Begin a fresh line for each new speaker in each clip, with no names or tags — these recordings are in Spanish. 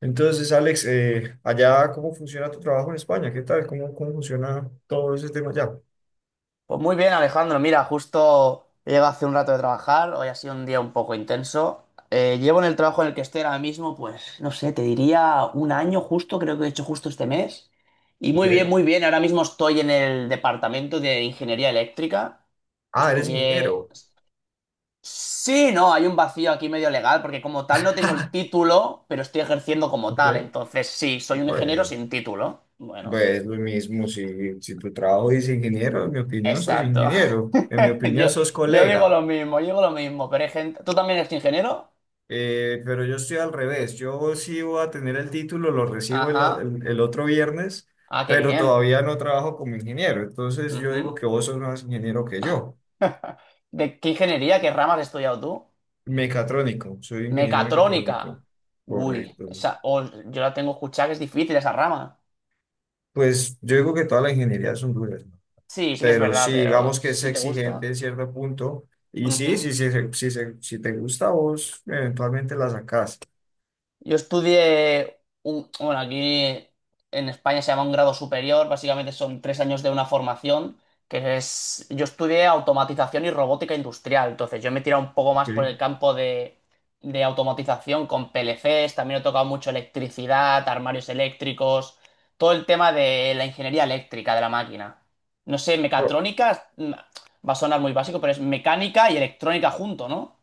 Entonces, Alex, allá, ¿cómo funciona tu trabajo en España? ¿Qué tal? ¿Cómo funciona todo ese tema allá?
Pues muy bien, Alejandro. Mira, justo he llegado hace un rato de trabajar. Hoy ha sido un día un poco intenso. Llevo en el trabajo en el que estoy ahora mismo, pues, no sé, te diría un año justo, creo que he hecho justo este mes. Y muy bien,
Ok.
muy bien. Ahora mismo estoy en el departamento de ingeniería eléctrica.
Ah, eres
Estudié...
ingeniero.
Sí, no, hay un vacío aquí medio legal, porque como tal no tengo el título, pero estoy ejerciendo como
Ok.
tal. Entonces, sí, soy un ingeniero
Pues,
sin título. Bueno.
pues lo mismo, si tu trabajo dice ingeniero, en mi opinión sos
Exacto.
ingeniero. En mi opinión
Yo,
sos
yo digo
colega.
lo mismo, yo digo lo mismo, pero hay gente... ¿Tú también eres ingeniero?
Pero yo estoy al revés. Yo sí voy a tener el título, lo recibo el, o-
Ajá.
el el otro viernes,
Ah, qué
pero
bien.
todavía no trabajo como ingeniero. Entonces, yo digo
Ujú.
que vos sos más ingeniero que yo.
¿De qué ingeniería, qué ramas has estudiado tú?
Mecatrónico, soy ingeniero
Mecatrónica.
mecatrónico,
Uy,
correcto.
esa... oh, yo la tengo escuchada que es difícil esa rama.
Pues yo digo que todas las ingenierías son duras, ¿no?
Sí, sí que es
Pero sí,
verdad, pero
digamos que es
si te
exigente
gusta...
en cierto punto. Y sí,
Ujú.
sí, sí, sí, sí, sí, si te gusta a vos, eventualmente la sacás.
Yo estudié un, bueno, aquí en España se llama un grado superior, básicamente son 3 años de una formación, que es, yo estudié automatización y robótica industrial, entonces yo me he tirado un poco más por
Sí.
el campo de automatización con PLCs, también he tocado mucho electricidad, armarios eléctricos, todo el tema de la ingeniería eléctrica de la máquina. No sé, mecatrónica, va a sonar muy básico, pero es mecánica y electrónica junto, ¿no?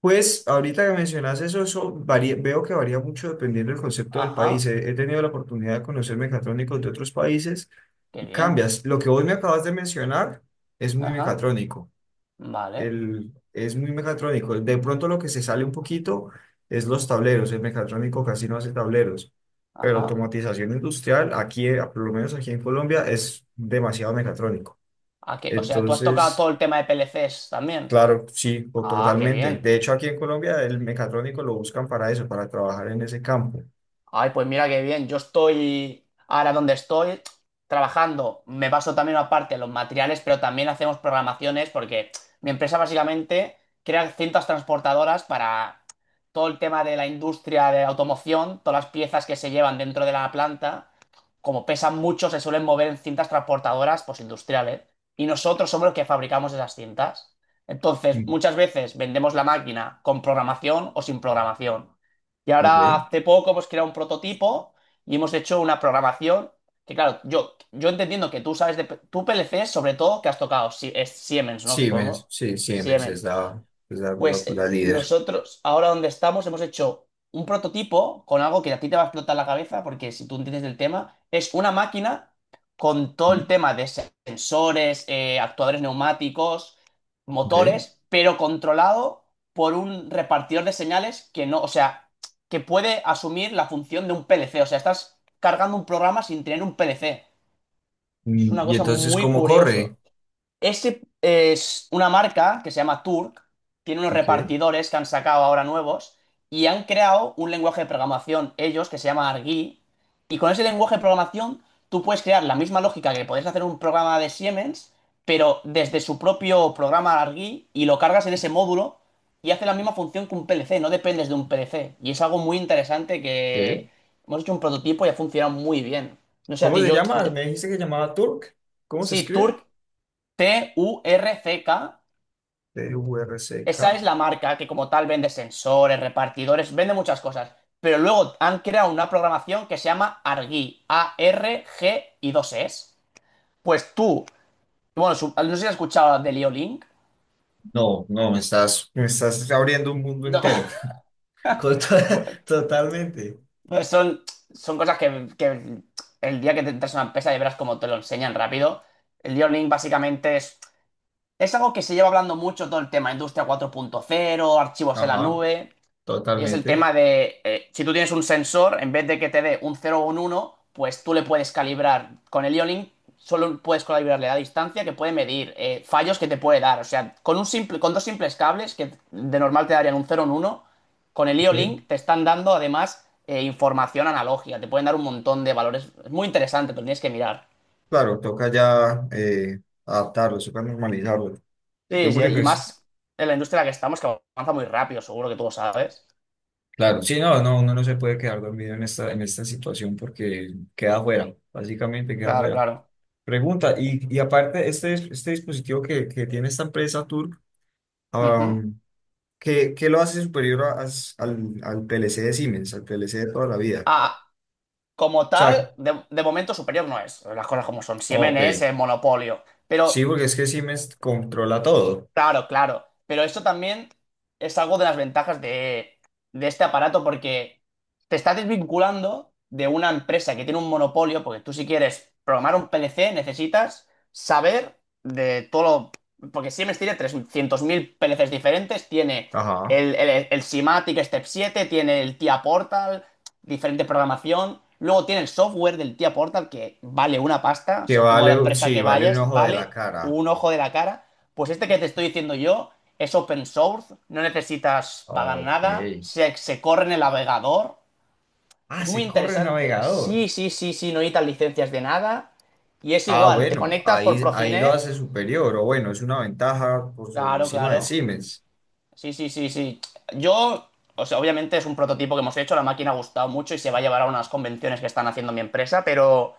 Pues ahorita que mencionas eso, veo que varía mucho dependiendo del concepto del país.
Ajá,
He tenido la oportunidad de conocer mecatrónicos de otros países
qué
y
bien.
cambias. Lo que vos me acabas de mencionar es muy
Ajá,
mecatrónico.
vale.
Es muy mecatrónico. De pronto lo que se sale un poquito es los tableros. El mecatrónico casi no hace tableros. Pero
Ajá.
automatización industrial, aquí, por lo menos aquí en Colombia, es demasiado mecatrónico.
Ah, o sea, tú has tocado todo
Entonces,
el tema de PLCs también.
claro, sí, o
Ah, qué
totalmente.
bien.
De hecho, aquí en Colombia el mecatrónico lo buscan para eso, para trabajar en ese campo.
Ay, pues mira qué bien. Yo estoy ahora donde estoy trabajando. Me paso también aparte los materiales, pero también hacemos programaciones porque mi empresa básicamente crea cintas transportadoras para todo el tema de la industria de automoción, todas las piezas que se llevan dentro de la planta. Como pesan mucho, se suelen mover en cintas transportadoras pues, industriales. Y nosotros somos los que fabricamos esas cintas. Entonces,
Mm.
muchas veces vendemos la máquina con programación o sin programación. Y ahora
Ok.
hace poco hemos creado un prototipo y hemos hecho una programación que, claro, yo entendiendo que tú sabes de... Tú PLC, sobre todo, que has tocado, es Siemens, ¿no?
Siemens,
Supongo.
sí,
Siemens.
es la, la-
Pues
la líder.
nosotros, ahora donde estamos, hemos hecho un prototipo con algo que a ti te va a explotar la cabeza, porque si tú entiendes el tema, es una máquina con todo
Mm.
el tema de sensores, actuadores neumáticos,
Ok.
motores, pero controlado por un repartidor de señales que no, o sea, que puede asumir la función de un PLC. O sea, estás cargando un programa sin tener un PLC. Es
Mm.
una
Y
cosa
entonces,
muy
¿cómo
curiosa.
corre?
Este es una marca que se llama Turk, tiene unos
Ok.
repartidores que han sacado ahora nuevos y han creado un lenguaje de programación ellos que se llama Argui. Y con ese lenguaje de programación tú puedes crear la misma lógica que podés hacer un programa de Siemens, pero desde su propio programa Argui y lo cargas en ese módulo y hace la misma función que un PLC, no dependes de un PLC. Y es algo muy interesante
¿Qué?
que hemos hecho un prototipo y ha funcionado muy bien. No sé, a
¿Cómo
ti,
se
yo,
llama?
yo-
Me dijiste que llamaba Turk. ¿Cómo se
Sí,
escribe?
Turk, T-U-R-C-K.
TURCK.
Esa es la marca que como tal vende sensores, repartidores, vende muchas cosas. Pero luego han creado una programación que se llama Argy A-R-G y dos S. Pues tú, bueno, no sé si has escuchado de Liolink.
No, me estás abriendo un mundo entero. Co- to- Totalmente.
Pues son cosas que el día que te entras a una empresa y verás cómo te lo enseñan rápido. El Liolink básicamente es, algo que se lleva hablando mucho todo el tema, industria 4.0, archivos en la
Ajá,
nube. Y es el
totalmente.
tema de, si tú tienes un sensor, en vez de que te dé un cero o un uno pues tú le puedes calibrar. Con el IO-Link solo puedes calibrarle la distancia que puede medir, fallos que te puede dar. O sea, con un simple, con dos simples cables que de normal te darían un cero o un uno con el
Ok.
IO-Link te están dando además información analógica. Te pueden dar un montón de valores. Es muy interesante, pero tienes que mirar.
Claro, toca ya adaptarlo, toca normalizarlo. Eh,
Sí, sí,
porque,
y
pues,
más en la industria en la que estamos, que avanza muy rápido, seguro que tú lo sabes.
claro, sí, no, no, uno no se puede quedar dormido en en esta situación porque queda fuera, básicamente queda
Claro,
fuera.
claro.
Pregunta, y aparte, este dispositivo que tiene esta empresa Turk,
Ujú.
¿qué lo hace superior al PLC de Siemens, al PLC de toda la vida? O
Ah, como
sea,
tal, de momento superior no es. Las cosas como son. Siemens
ok,
es el monopolio.
sí,
Pero,
porque es que Siemens controla todo.
claro, claro. Pero esto también es algo de las ventajas de este aparato porque te estás desvinculando de una empresa que tiene un monopolio, porque tú si quieres programar un PLC necesitas saber de todo lo... Porque Siemens tiene 300.000 PLCs diferentes, tiene
Ajá.
el SIMATIC Step 7, tiene el TIA Portal, diferente programación. Luego tiene el software del tía Portal que vale una pasta. O sea, tú a la empresa
Sí,
que
vale un
vayas
ojo de la
vale
cara.
un ojo de la cara. Pues este que te estoy diciendo yo es open source, no necesitas pagar
Ok.
nada, se corre en el navegador.
Ah,
Es muy
se corre el
interesante.
navegador.
Sí, sí, sí, sí, no necesitas licencias de nada. Y es
Ah,
igual, te
bueno,
conectas por
ahí lo
Profinet.
hace superior, o bueno, es una ventaja por sobre
Claro,
encima de
claro.
Siemens.
Sí, sí, sí, sí. Yo, o sea, obviamente es un prototipo que hemos hecho, la máquina ha gustado mucho y se va a llevar a unas convenciones que están haciendo mi empresa, pero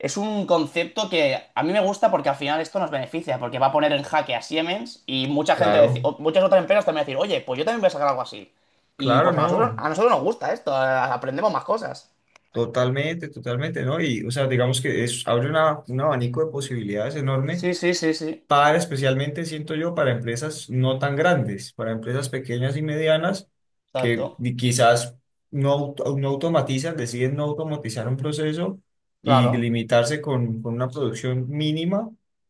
es un concepto que a mí me gusta porque al final esto nos beneficia, porque va a poner en jaque a Siemens y mucha gente, deci-
Claro,
o muchas otras empresas también van a decir, oye, pues yo también voy a sacar algo así. Y
claro,
pues
no.
a nosotros nos gusta esto, aprendemos más cosas.
Totalmente, totalmente, ¿no? Y, o sea, digamos que es, abre un abanico de posibilidades enorme
Sí, sí, sí, sí.
para especialmente, siento yo, para empresas no tan grandes, para empresas pequeñas y medianas que
Exacto.
ni- quizás no automatizan, deciden no automatizar un proceso y
Claro.
limitarse con una producción mínima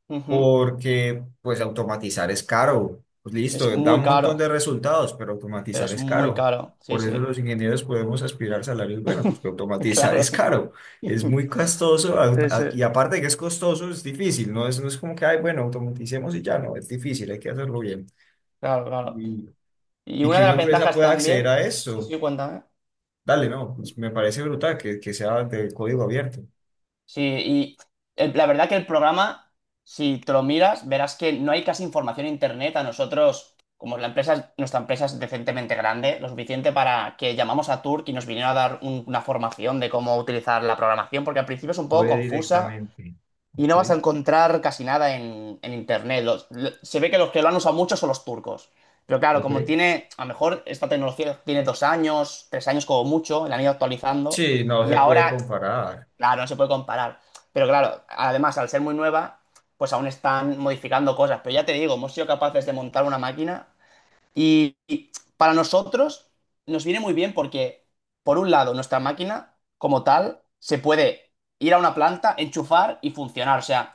Ujú.
porque pues automatizar es caro. Pues
Es
listo, da
muy
un montón de
caro,
resultados, pero
pero
automatizar
es
es
muy
caro.
caro. Sí,
Por eso
sí.
los ingenieros podemos aspirar salarios, bueno, pues que automatizar
Claro.
es caro, es muy costoso
Sí, sí.
y aparte de que es costoso, es difícil, no es como que, ay, bueno, automaticemos y ya, no, es difícil, hay que hacerlo bien.
Claro, claro.
Y,
Y
y
una
que
de
una
las
empresa
ventajas
pueda acceder
también.
a
Sí, sí,
eso,
cuéntame.
dale, no, pues me parece brutal que sea de código abierto.
Sí, y la verdad que el programa, si te lo miras, verás que no hay casi información en internet. A nosotros, como la empresa, nuestra empresa es decentemente grande, lo suficiente para que llamamos a Turk y nos vinieron a dar una formación de cómo utilizar la programación, porque al principio es un poco
Puede
confusa
directamente.
y no vas a
Ok,
encontrar casi nada en internet. Se ve que los que lo han usado mucho son los turcos. Pero claro, como
ok.
tiene, a lo mejor esta tecnología tiene 2 años, 3 años como mucho, la han ido actualizando.
Sí, no
Y
se puede
ahora.
comparar.
Claro, no se puede comparar. Pero claro, además, al ser muy nueva, pues aún están modificando cosas. Pero ya te digo, hemos sido capaces de montar una máquina y para nosotros nos viene muy bien porque, por un lado, nuestra máquina como tal se puede ir a una planta, enchufar y funcionar. O sea,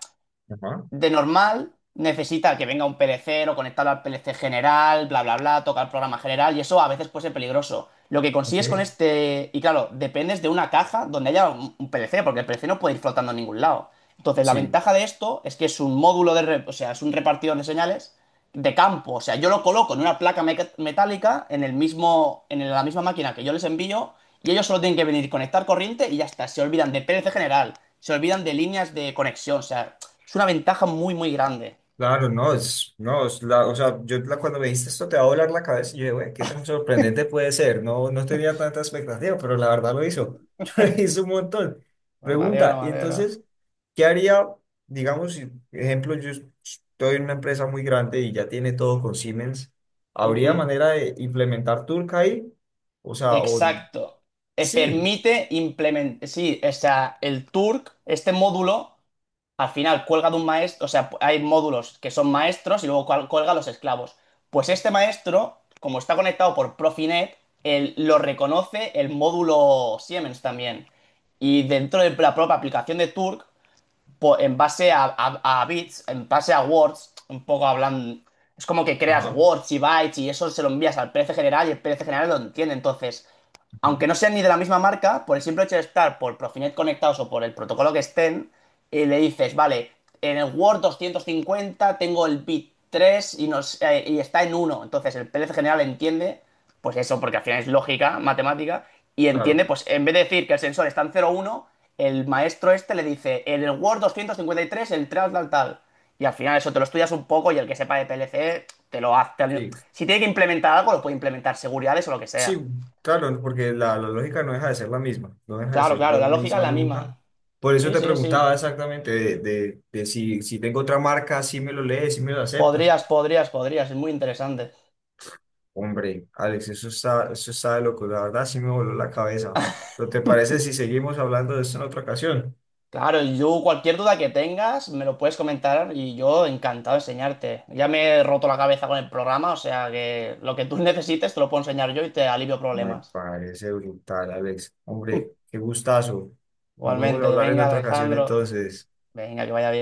Ajá.
de normal, necesita que venga un PLC o conectarlo al PLC general, bla, bla, bla, tocar el programa general, y eso a veces puede ser peligroso. Lo que
Ok,
consigues con este, y claro, dependes de una caja donde haya un PLC, porque el PLC no puede ir flotando en ningún lado. Entonces, la
sí,
ventaja de esto es que es un módulo de, o sea, es un repartidor de señales de campo. O sea, yo lo coloco en una placa metálica en el mismo, en la misma máquina que yo les envío, y ellos solo tienen que venir, conectar corriente y ya está. Se olvidan de PLC general, se olvidan de líneas de conexión, o sea, es una ventaja muy, muy grande.
claro, no, es, no, es la, o sea, cuando me dijiste esto te va a volar la cabeza, y yo, dije, güey, qué tan sorprendente puede ser, no, no tenía tanta expectativa, pero la verdad lo hizo, lo hizo un montón.
Me alegro,
Pregunta,
me
y
alegro.
entonces, ¿qué haría, digamos, si, ejemplo, yo estoy en una empresa muy grande y ya tiene todo con Siemens, ¿habría
Ujú,
manera de implementar Turk ahí? O sea, o,
exacto.
sí,
Permite implementar, sí, o sea, el Turk, este módulo, al final cuelga de un maestro, o sea, hay módulos que son maestros y luego cuelga los esclavos. Pues este maestro, como está conectado por Profinet, él lo reconoce el módulo Siemens también. Y dentro de la propia aplicación de Turk en base a, a bits, en base a words, un poco hablando es como que creas
ajá,
words y bytes y eso se lo envías al PNC general y el PNC general lo entiende. Entonces,
ujú,
aunque no sean ni de la misma marca, por el simple hecho de estar por Profinet conectados o por el protocolo que estén, le dices, vale, en el Word 250 tengo el bit 3 y está en uno. Entonces el PLC general entiende, pues eso, porque al final es lógica, matemática, y entiende,
claro,
pues en vez de decir que el sensor está en cero uno, el maestro este le dice, en el Word 253 el tal, tal, tal. Y al final eso te lo estudias un poco y el que sepa de PLC te lo hace.
sí.
Si tiene que implementar algo, lo puede implementar, seguridades o lo que
Sí,
sea.
claro, no, porque la lógica no deja de ser la misma, no deja de
Claro,
ser
claro,
la
la lógica es
misma
la
nunca.
misma.
Por eso
Sí,
te
sí, sí.
preguntaba exactamente de si, si tengo otra marca, si me lo lee, si me lo acepta.
Podrías, podrías, podrías. Es muy interesante.
Hombre, Alex, eso está de loco, la verdad sí me voló la cabeza. ¿Pero te parece si seguimos hablando de esto en otra ocasión?
Claro, y yo cualquier duda que tengas me lo puedes comentar y yo encantado de enseñarte. Ya me he roto la cabeza con el programa, o sea que lo que tú necesites te lo puedo enseñar yo y te alivio
Me
problemas.
parece brutal, Alex. Hombre, qué gustazo. Nos vamos a
Igualmente,
hablar en
venga,
otra ocasión
Alejandro.
entonces.
Venga, que vaya bien.